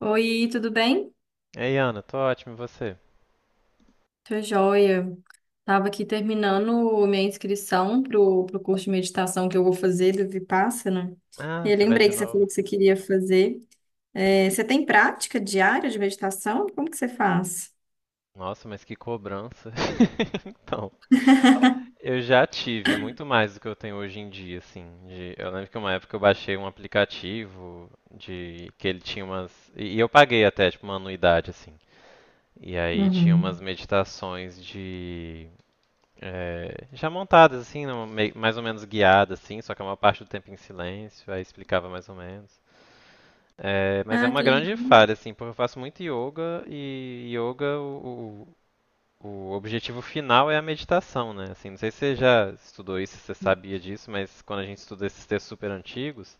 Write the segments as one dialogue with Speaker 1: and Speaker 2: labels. Speaker 1: Oi, tudo bem?
Speaker 2: Ei, Ana, tô ótimo, e você?
Speaker 1: Tô joia. Tava aqui terminando minha inscrição pro curso de meditação que eu vou fazer do Vipassana. E
Speaker 2: Ah,
Speaker 1: eu
Speaker 2: você vai
Speaker 1: lembrei
Speaker 2: de
Speaker 1: que você falou
Speaker 2: novo.
Speaker 1: que você queria fazer. É, você tem prática diária de meditação? Como que você faz?
Speaker 2: Nossa, mas que cobrança. Então, eu já tive muito mais do que eu tenho hoje em dia, assim. Eu lembro que uma época eu baixei um aplicativo de que ele tinha umas. E eu paguei até, tipo, uma anuidade, assim. E aí tinha umas
Speaker 1: Uhum.
Speaker 2: meditações de. Já montadas, assim, mais ou menos guiadas, assim, só que uma parte do tempo em silêncio, aí explicava mais ou menos. É, mas é
Speaker 1: Ah,
Speaker 2: uma
Speaker 1: que legal.
Speaker 2: grande falha, assim, porque eu faço muito yoga e yoga o objetivo final é a meditação, né? Assim, não sei se você já estudou isso, se você sabia disso, mas quando a gente estuda esses textos super antigos,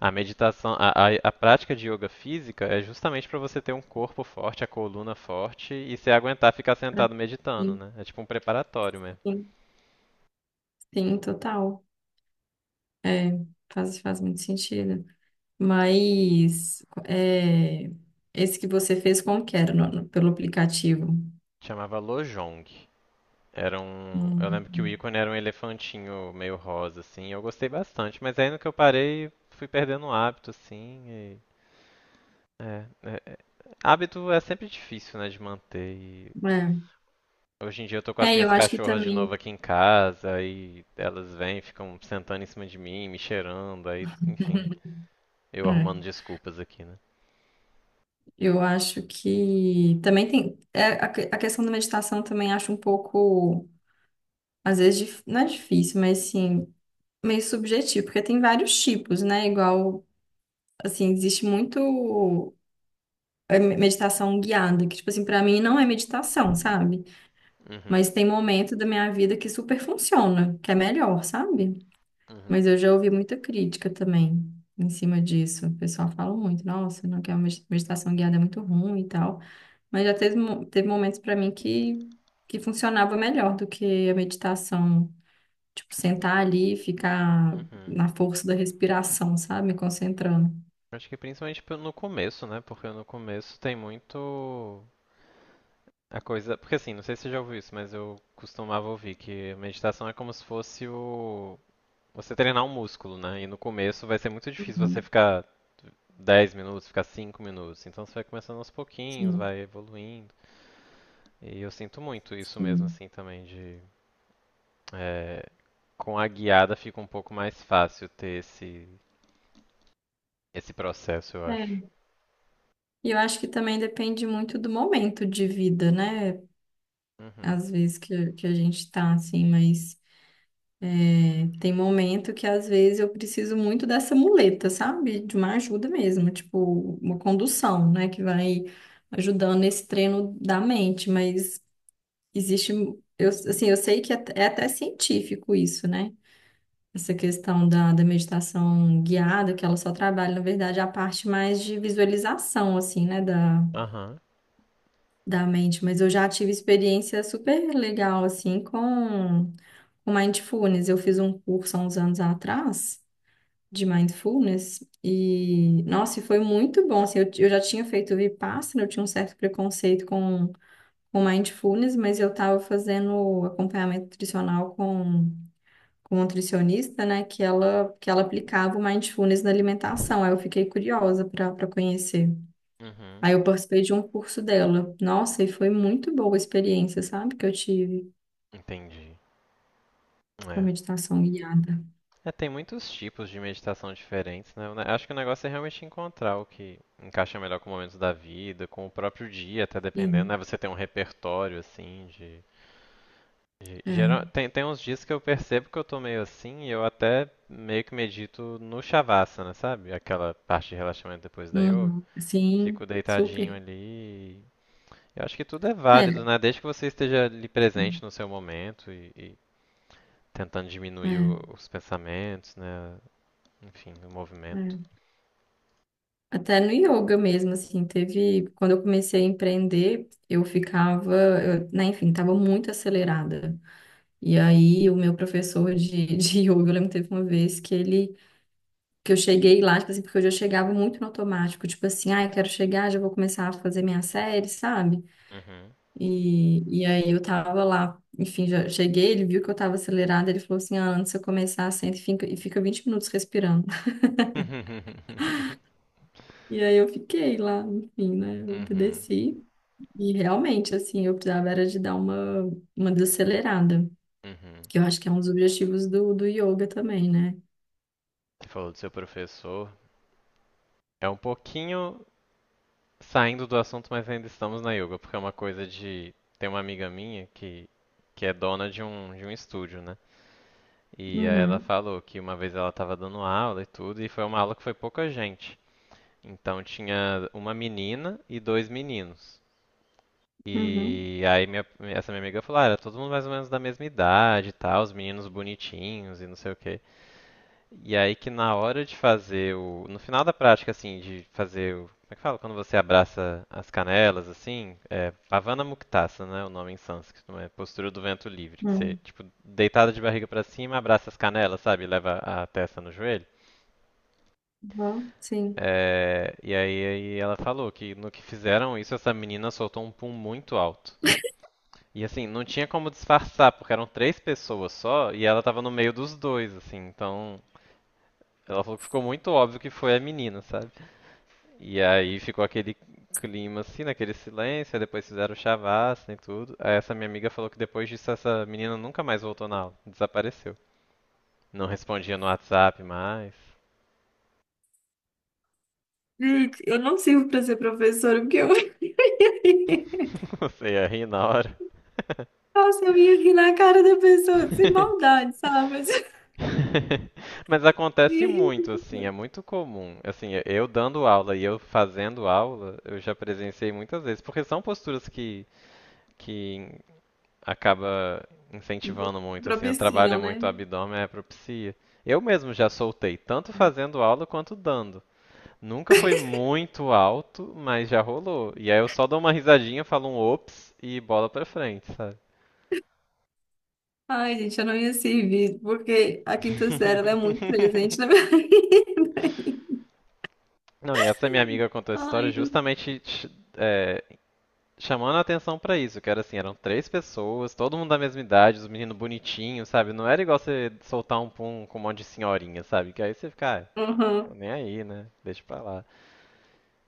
Speaker 2: a meditação, a prática de yoga física é justamente para você ter um corpo forte, a coluna forte e se aguentar ficar
Speaker 1: Pra-
Speaker 2: sentado meditando,
Speaker 1: Sim,
Speaker 2: né? É tipo um preparatório mesmo.
Speaker 1: sim, sim, total. É, faz muito sentido. Mas é, esse que você fez como que era? Pelo aplicativo?
Speaker 2: Chamava Lojong. Era um. Eu
Speaker 1: Hum,
Speaker 2: lembro que o ícone era um elefantinho meio rosa, assim. Eu gostei bastante, mas aí no que eu parei, fui perdendo o hábito, assim. É, é- Hábito é sempre difícil, né, de manter. E
Speaker 1: é.
Speaker 2: hoje em dia eu tô com as
Speaker 1: É, eu
Speaker 2: minhas
Speaker 1: acho que
Speaker 2: cachorras de novo
Speaker 1: também.
Speaker 2: aqui em casa, e elas vêm, ficam sentando em cima de mim, me cheirando, aí, enfim, eu
Speaker 1: É,
Speaker 2: arrumando desculpas aqui, né?
Speaker 1: eu acho que também tem a questão da meditação, também acho um pouco, às vezes, não é difícil, mas sim meio subjetivo, porque tem vários tipos, né? Igual, assim, existe muito meditação guiada que, tipo assim, para mim não é meditação, sabe?
Speaker 2: Uhum,
Speaker 1: Mas tem momento da minha vida que super funciona, que é melhor, sabe?
Speaker 2: uhum,
Speaker 1: Mas eu já ouvi muita crítica também em cima disso. O pessoal fala muito: nossa, não quer meditação guiada, é muito ruim e tal. Mas já teve, teve momentos para mim que funcionava melhor do que a meditação. Tipo, sentar ali e ficar
Speaker 2: uhum.
Speaker 1: na força da respiração, sabe? Me concentrando.
Speaker 2: Acho que principalmente no começo, né? Porque no começo tem muito. A coisa, porque assim, não sei se você já ouviu isso, mas eu costumava ouvir que meditação é como se fosse o você treinar um músculo, né? E no começo vai ser muito difícil você
Speaker 1: Uhum.
Speaker 2: ficar 10 minutos, ficar 5 minutos. Então você vai começando aos pouquinhos,
Speaker 1: Sim,
Speaker 2: vai evoluindo. E eu sinto muito isso mesmo
Speaker 1: sim.
Speaker 2: assim também é, com a guiada fica um pouco mais fácil ter esse processo, eu acho.
Speaker 1: É. E eu acho que também depende muito do momento de vida, né?
Speaker 2: Uhum.
Speaker 1: Às vezes que a gente tá assim, mas é, tem momento que, às vezes, eu preciso muito dessa muleta, sabe? De uma ajuda mesmo, tipo, uma condução, né? Que vai ajudando nesse treino da mente, mas. Existe, eu, assim, eu sei que é até científico isso, né? Essa questão da, da meditação guiada, que ela só trabalha, na verdade, a parte mais de visualização, assim, né, da,
Speaker 2: Aham.
Speaker 1: da mente. Mas eu já tive experiência super legal, assim, com mindfulness. Eu fiz um curso há uns anos atrás de mindfulness e, nossa, e foi muito bom, assim, eu já tinha feito Vipassana, eu tinha um certo preconceito com o mindfulness, mas eu estava fazendo acompanhamento nutricional com um nutricionista, né? Que ela aplicava o mindfulness na alimentação. Aí eu fiquei curiosa para conhecer.
Speaker 2: Uhum.
Speaker 1: Aí eu participei de um curso dela. Nossa, e foi muito boa a experiência, sabe? Que eu tive
Speaker 2: Entendi.
Speaker 1: com a
Speaker 2: É.
Speaker 1: meditação guiada.
Speaker 2: É, tem muitos tipos de meditação diferentes, né? Acho que o negócio é realmente encontrar o que encaixa melhor com momentos da vida, com o próprio dia, até dependendo, né?
Speaker 1: Sim,
Speaker 2: Você tem um repertório, assim, de...
Speaker 1: é.
Speaker 2: Tem uns dias que eu percebo que eu tô meio assim e eu até meio que medito no Shavasana, sabe? Aquela parte de relaxamento depois da yoga.
Speaker 1: Uhum. Sim,
Speaker 2: Fico deitadinho
Speaker 1: super.
Speaker 2: ali. e Eu acho que tudo é válido,
Speaker 1: É,
Speaker 2: né? Desde que você esteja ali presente no seu momento e tentando diminuir
Speaker 1: é,
Speaker 2: os pensamentos, né? Enfim, o movimento.
Speaker 1: é. Até no yoga mesmo, assim, teve. Quando eu comecei a empreender, eu ficava, eu, né, enfim, estava muito acelerada. E aí, o meu professor de, de yoga, eu lembro que teve uma vez que eu cheguei lá, tipo assim, porque eu já chegava muito no automático, tipo assim, ah, eu quero chegar, já vou começar a fazer minha série, sabe?
Speaker 2: Uhum.
Speaker 1: E aí, eu tava lá, enfim, já cheguei, ele viu que eu tava acelerada, ele falou assim: ah, antes de eu começar, senta e fica 20 minutos respirando. E aí, eu fiquei lá, enfim, né, eu
Speaker 2: Uhum.
Speaker 1: obedeci. E realmente, assim, eu precisava era de dar uma desacelerada,
Speaker 2: Uhum.
Speaker 1: que eu acho que é um dos objetivos do, do yoga também, né?
Speaker 2: Você falou do seu professor. É um pouquinho saindo do assunto, mas ainda estamos na yoga, porque é uma coisa de. Tem uma amiga minha que é dona de um estúdio, né? E aí ela
Speaker 1: Uhum,
Speaker 2: falou que uma vez ela estava dando aula e tudo, e foi uma aula que foi pouca gente. Então tinha uma menina e dois meninos.
Speaker 1: uhum,
Speaker 2: E aí essa minha amiga falou, ah, era todo mundo mais ou menos da mesma idade e tal, os meninos bonitinhos e não sei o quê. E aí que na hora de fazer o. No final da prática, assim, de fazer o. Como é que fala? Quando você abraça as canelas, assim, é Pavana Muktasana, né? O nome em sânscrito, é postura do vento livre, que você,
Speaker 1: uhum,
Speaker 2: tipo, deitada de barriga pra cima, abraça as canelas, sabe? Leva a testa no joelho.
Speaker 1: uhum, sim.
Speaker 2: É, e aí, aí ela falou que no que fizeram isso, essa menina soltou um pum muito alto. E assim, não tinha como disfarçar, porque eram três pessoas só e ela tava no meio dos dois, assim. Então, ela falou que ficou muito óbvio que foi a menina, sabe? E aí ficou aquele clima assim, naquele silêncio, aí depois fizeram chavasca e tudo. Aí essa minha amiga falou que depois disso essa menina nunca mais voltou na aula, desapareceu. Não respondia no WhatsApp mais,
Speaker 1: Gente, eu não sirvo para ser professora, porque eu...
Speaker 2: você ia rir na hora.
Speaker 1: Nossa, eu ia rir na cara da pessoa, sem maldade, sabe? Mas eu
Speaker 2: Mas acontece
Speaker 1: ia rir.
Speaker 2: muito, assim, é muito comum. Assim, eu dando aula e eu fazendo aula, eu já presenciei muitas vezes, porque são posturas que, que acaba incentivando muito, assim, trabalha
Speaker 1: Propiciam,
Speaker 2: muito o
Speaker 1: né?
Speaker 2: abdômen, é propicia. Eu mesmo já soltei, tanto fazendo aula quanto dando. Nunca foi muito alto, mas já rolou. E aí eu só dou uma risadinha, falo um ops e bola pra frente, sabe?
Speaker 1: Ai, gente, eu não ia servir, porque a quinta série, ela é muito presente na minha vida.
Speaker 2: Não, e essa minha amiga contou essa história
Speaker 1: Ai, eu...
Speaker 2: justamente é, chamando a atenção pra isso, que era assim, eram três pessoas, todo mundo da mesma idade, os meninos bonitinhos, sabe? Não era igual você soltar um pum com um monte de senhorinha, sabe? Que aí você fica, ah, tô
Speaker 1: Uhum,
Speaker 2: nem aí, né? Deixa pra lá.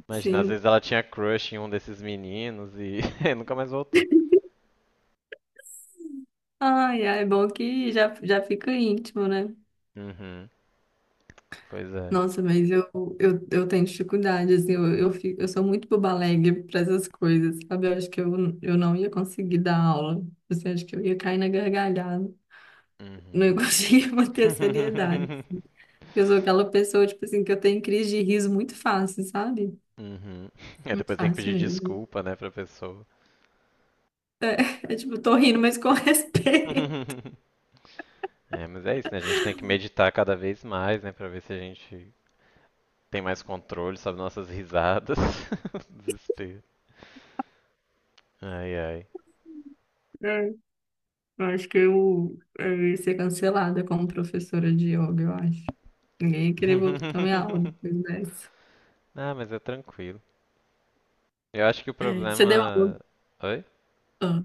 Speaker 2: Imagina, às
Speaker 1: sim.
Speaker 2: vezes ela tinha crush em um desses meninos e nunca mais voltou.
Speaker 1: Ai, ai, é bom que já, já fica íntimo, né?
Speaker 2: Uhum, pois é.
Speaker 1: Nossa, mas eu, eu tenho dificuldade, assim, eu sou muito boba alegre para essas coisas, sabe? Eu acho que eu não ia conseguir dar aula, assim, acho que eu ia cair na gargalhada, não ia
Speaker 2: Uhum.
Speaker 1: conseguir manter a seriedade. Eu sou aquela pessoa, tipo assim, que eu tenho crise de riso muito fácil, sabe?
Speaker 2: Uhum. É,
Speaker 1: Muito
Speaker 2: depois tem que
Speaker 1: fácil
Speaker 2: pedir
Speaker 1: mesmo.
Speaker 2: desculpa, né, pra pessoa.
Speaker 1: É, é tipo, tô rindo, mas com respeito.
Speaker 2: É, mas é isso, né? A gente tem que meditar cada vez mais, né, pra ver se a gente tem mais controle sobre nossas risadas. Desespero. Ai, ai.
Speaker 1: Eu acho que eu ia ser cancelada como professora de yoga, eu acho. Ninguém ia querer voltar na minha aula depois dessa.
Speaker 2: Ah, mas é tranquilo. Eu acho que o
Speaker 1: É, você deu aula?
Speaker 2: problema. Oi?
Speaker 1: Ah,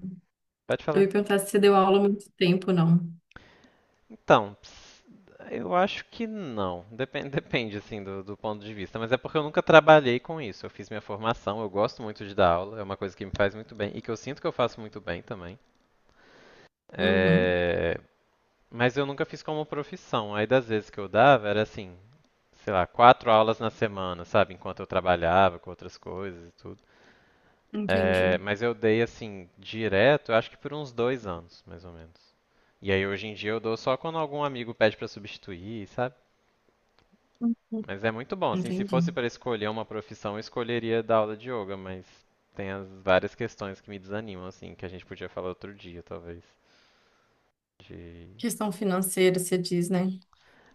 Speaker 2: Pode
Speaker 1: eu
Speaker 2: falar.
Speaker 1: ia perguntar se você deu aula há muito tempo, não.
Speaker 2: Então, eu acho que não. Depende, depende assim do, do ponto de vista, mas é porque eu nunca trabalhei com isso. Eu fiz minha formação, eu gosto muito de dar aula, é uma coisa que me faz muito bem e que eu sinto que eu faço muito bem também.
Speaker 1: Uhum,
Speaker 2: É, mas eu nunca fiz como profissão. Aí das vezes que eu dava era assim, sei lá, quatro aulas na semana, sabe, enquanto eu trabalhava com outras coisas e tudo. É,
Speaker 1: entendi.
Speaker 2: mas eu dei assim direto, eu acho que por uns 2 anos, mais ou menos. E aí hoje em dia eu dou só quando algum amigo pede pra substituir, sabe?
Speaker 1: Uhum,
Speaker 2: Mas é muito bom, assim, se
Speaker 1: entendi.
Speaker 2: fosse para escolher uma profissão, eu escolheria dar aula de yoga, mas tem as várias questões que me desanimam, assim, que a gente podia falar outro dia, talvez. De...
Speaker 1: Questão financeira, você diz, né?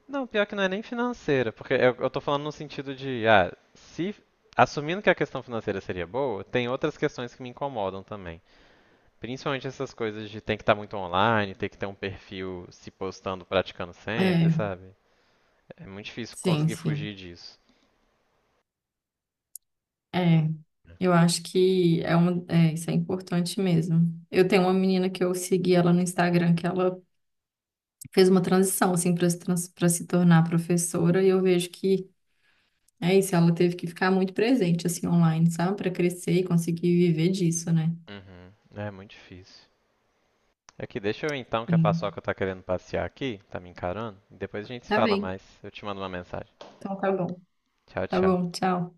Speaker 2: Não, pior que não é nem financeira, porque eu tô falando no sentido de, ah, se assumindo que a questão financeira seria boa, tem outras questões que me incomodam também. Principalmente essas coisas de tem que estar muito online, tem que ter um perfil se postando, praticando sempre,
Speaker 1: É,
Speaker 2: sabe? É muito difícil
Speaker 1: sim,
Speaker 2: conseguir
Speaker 1: sim.
Speaker 2: fugir disso.
Speaker 1: É, eu acho que é uma, é, isso é importante mesmo. Eu tenho uma menina que eu segui ela no Instagram, que ela fez uma transição, assim, para se, trans- pra se tornar professora, e eu vejo que é isso. Ela teve que ficar muito presente, assim, online, sabe? Para crescer e conseguir viver disso, né?
Speaker 2: Uhum, é muito difícil. Aqui, deixa eu então que a
Speaker 1: Sim.
Speaker 2: Paçoca tá querendo passear aqui, tá me encarando, e depois a gente se
Speaker 1: Tá
Speaker 2: fala
Speaker 1: bem.
Speaker 2: mais. Eu te mando uma mensagem.
Speaker 1: Então tá bom.
Speaker 2: Tchau,
Speaker 1: Tá
Speaker 2: tchau.
Speaker 1: bom, tchau.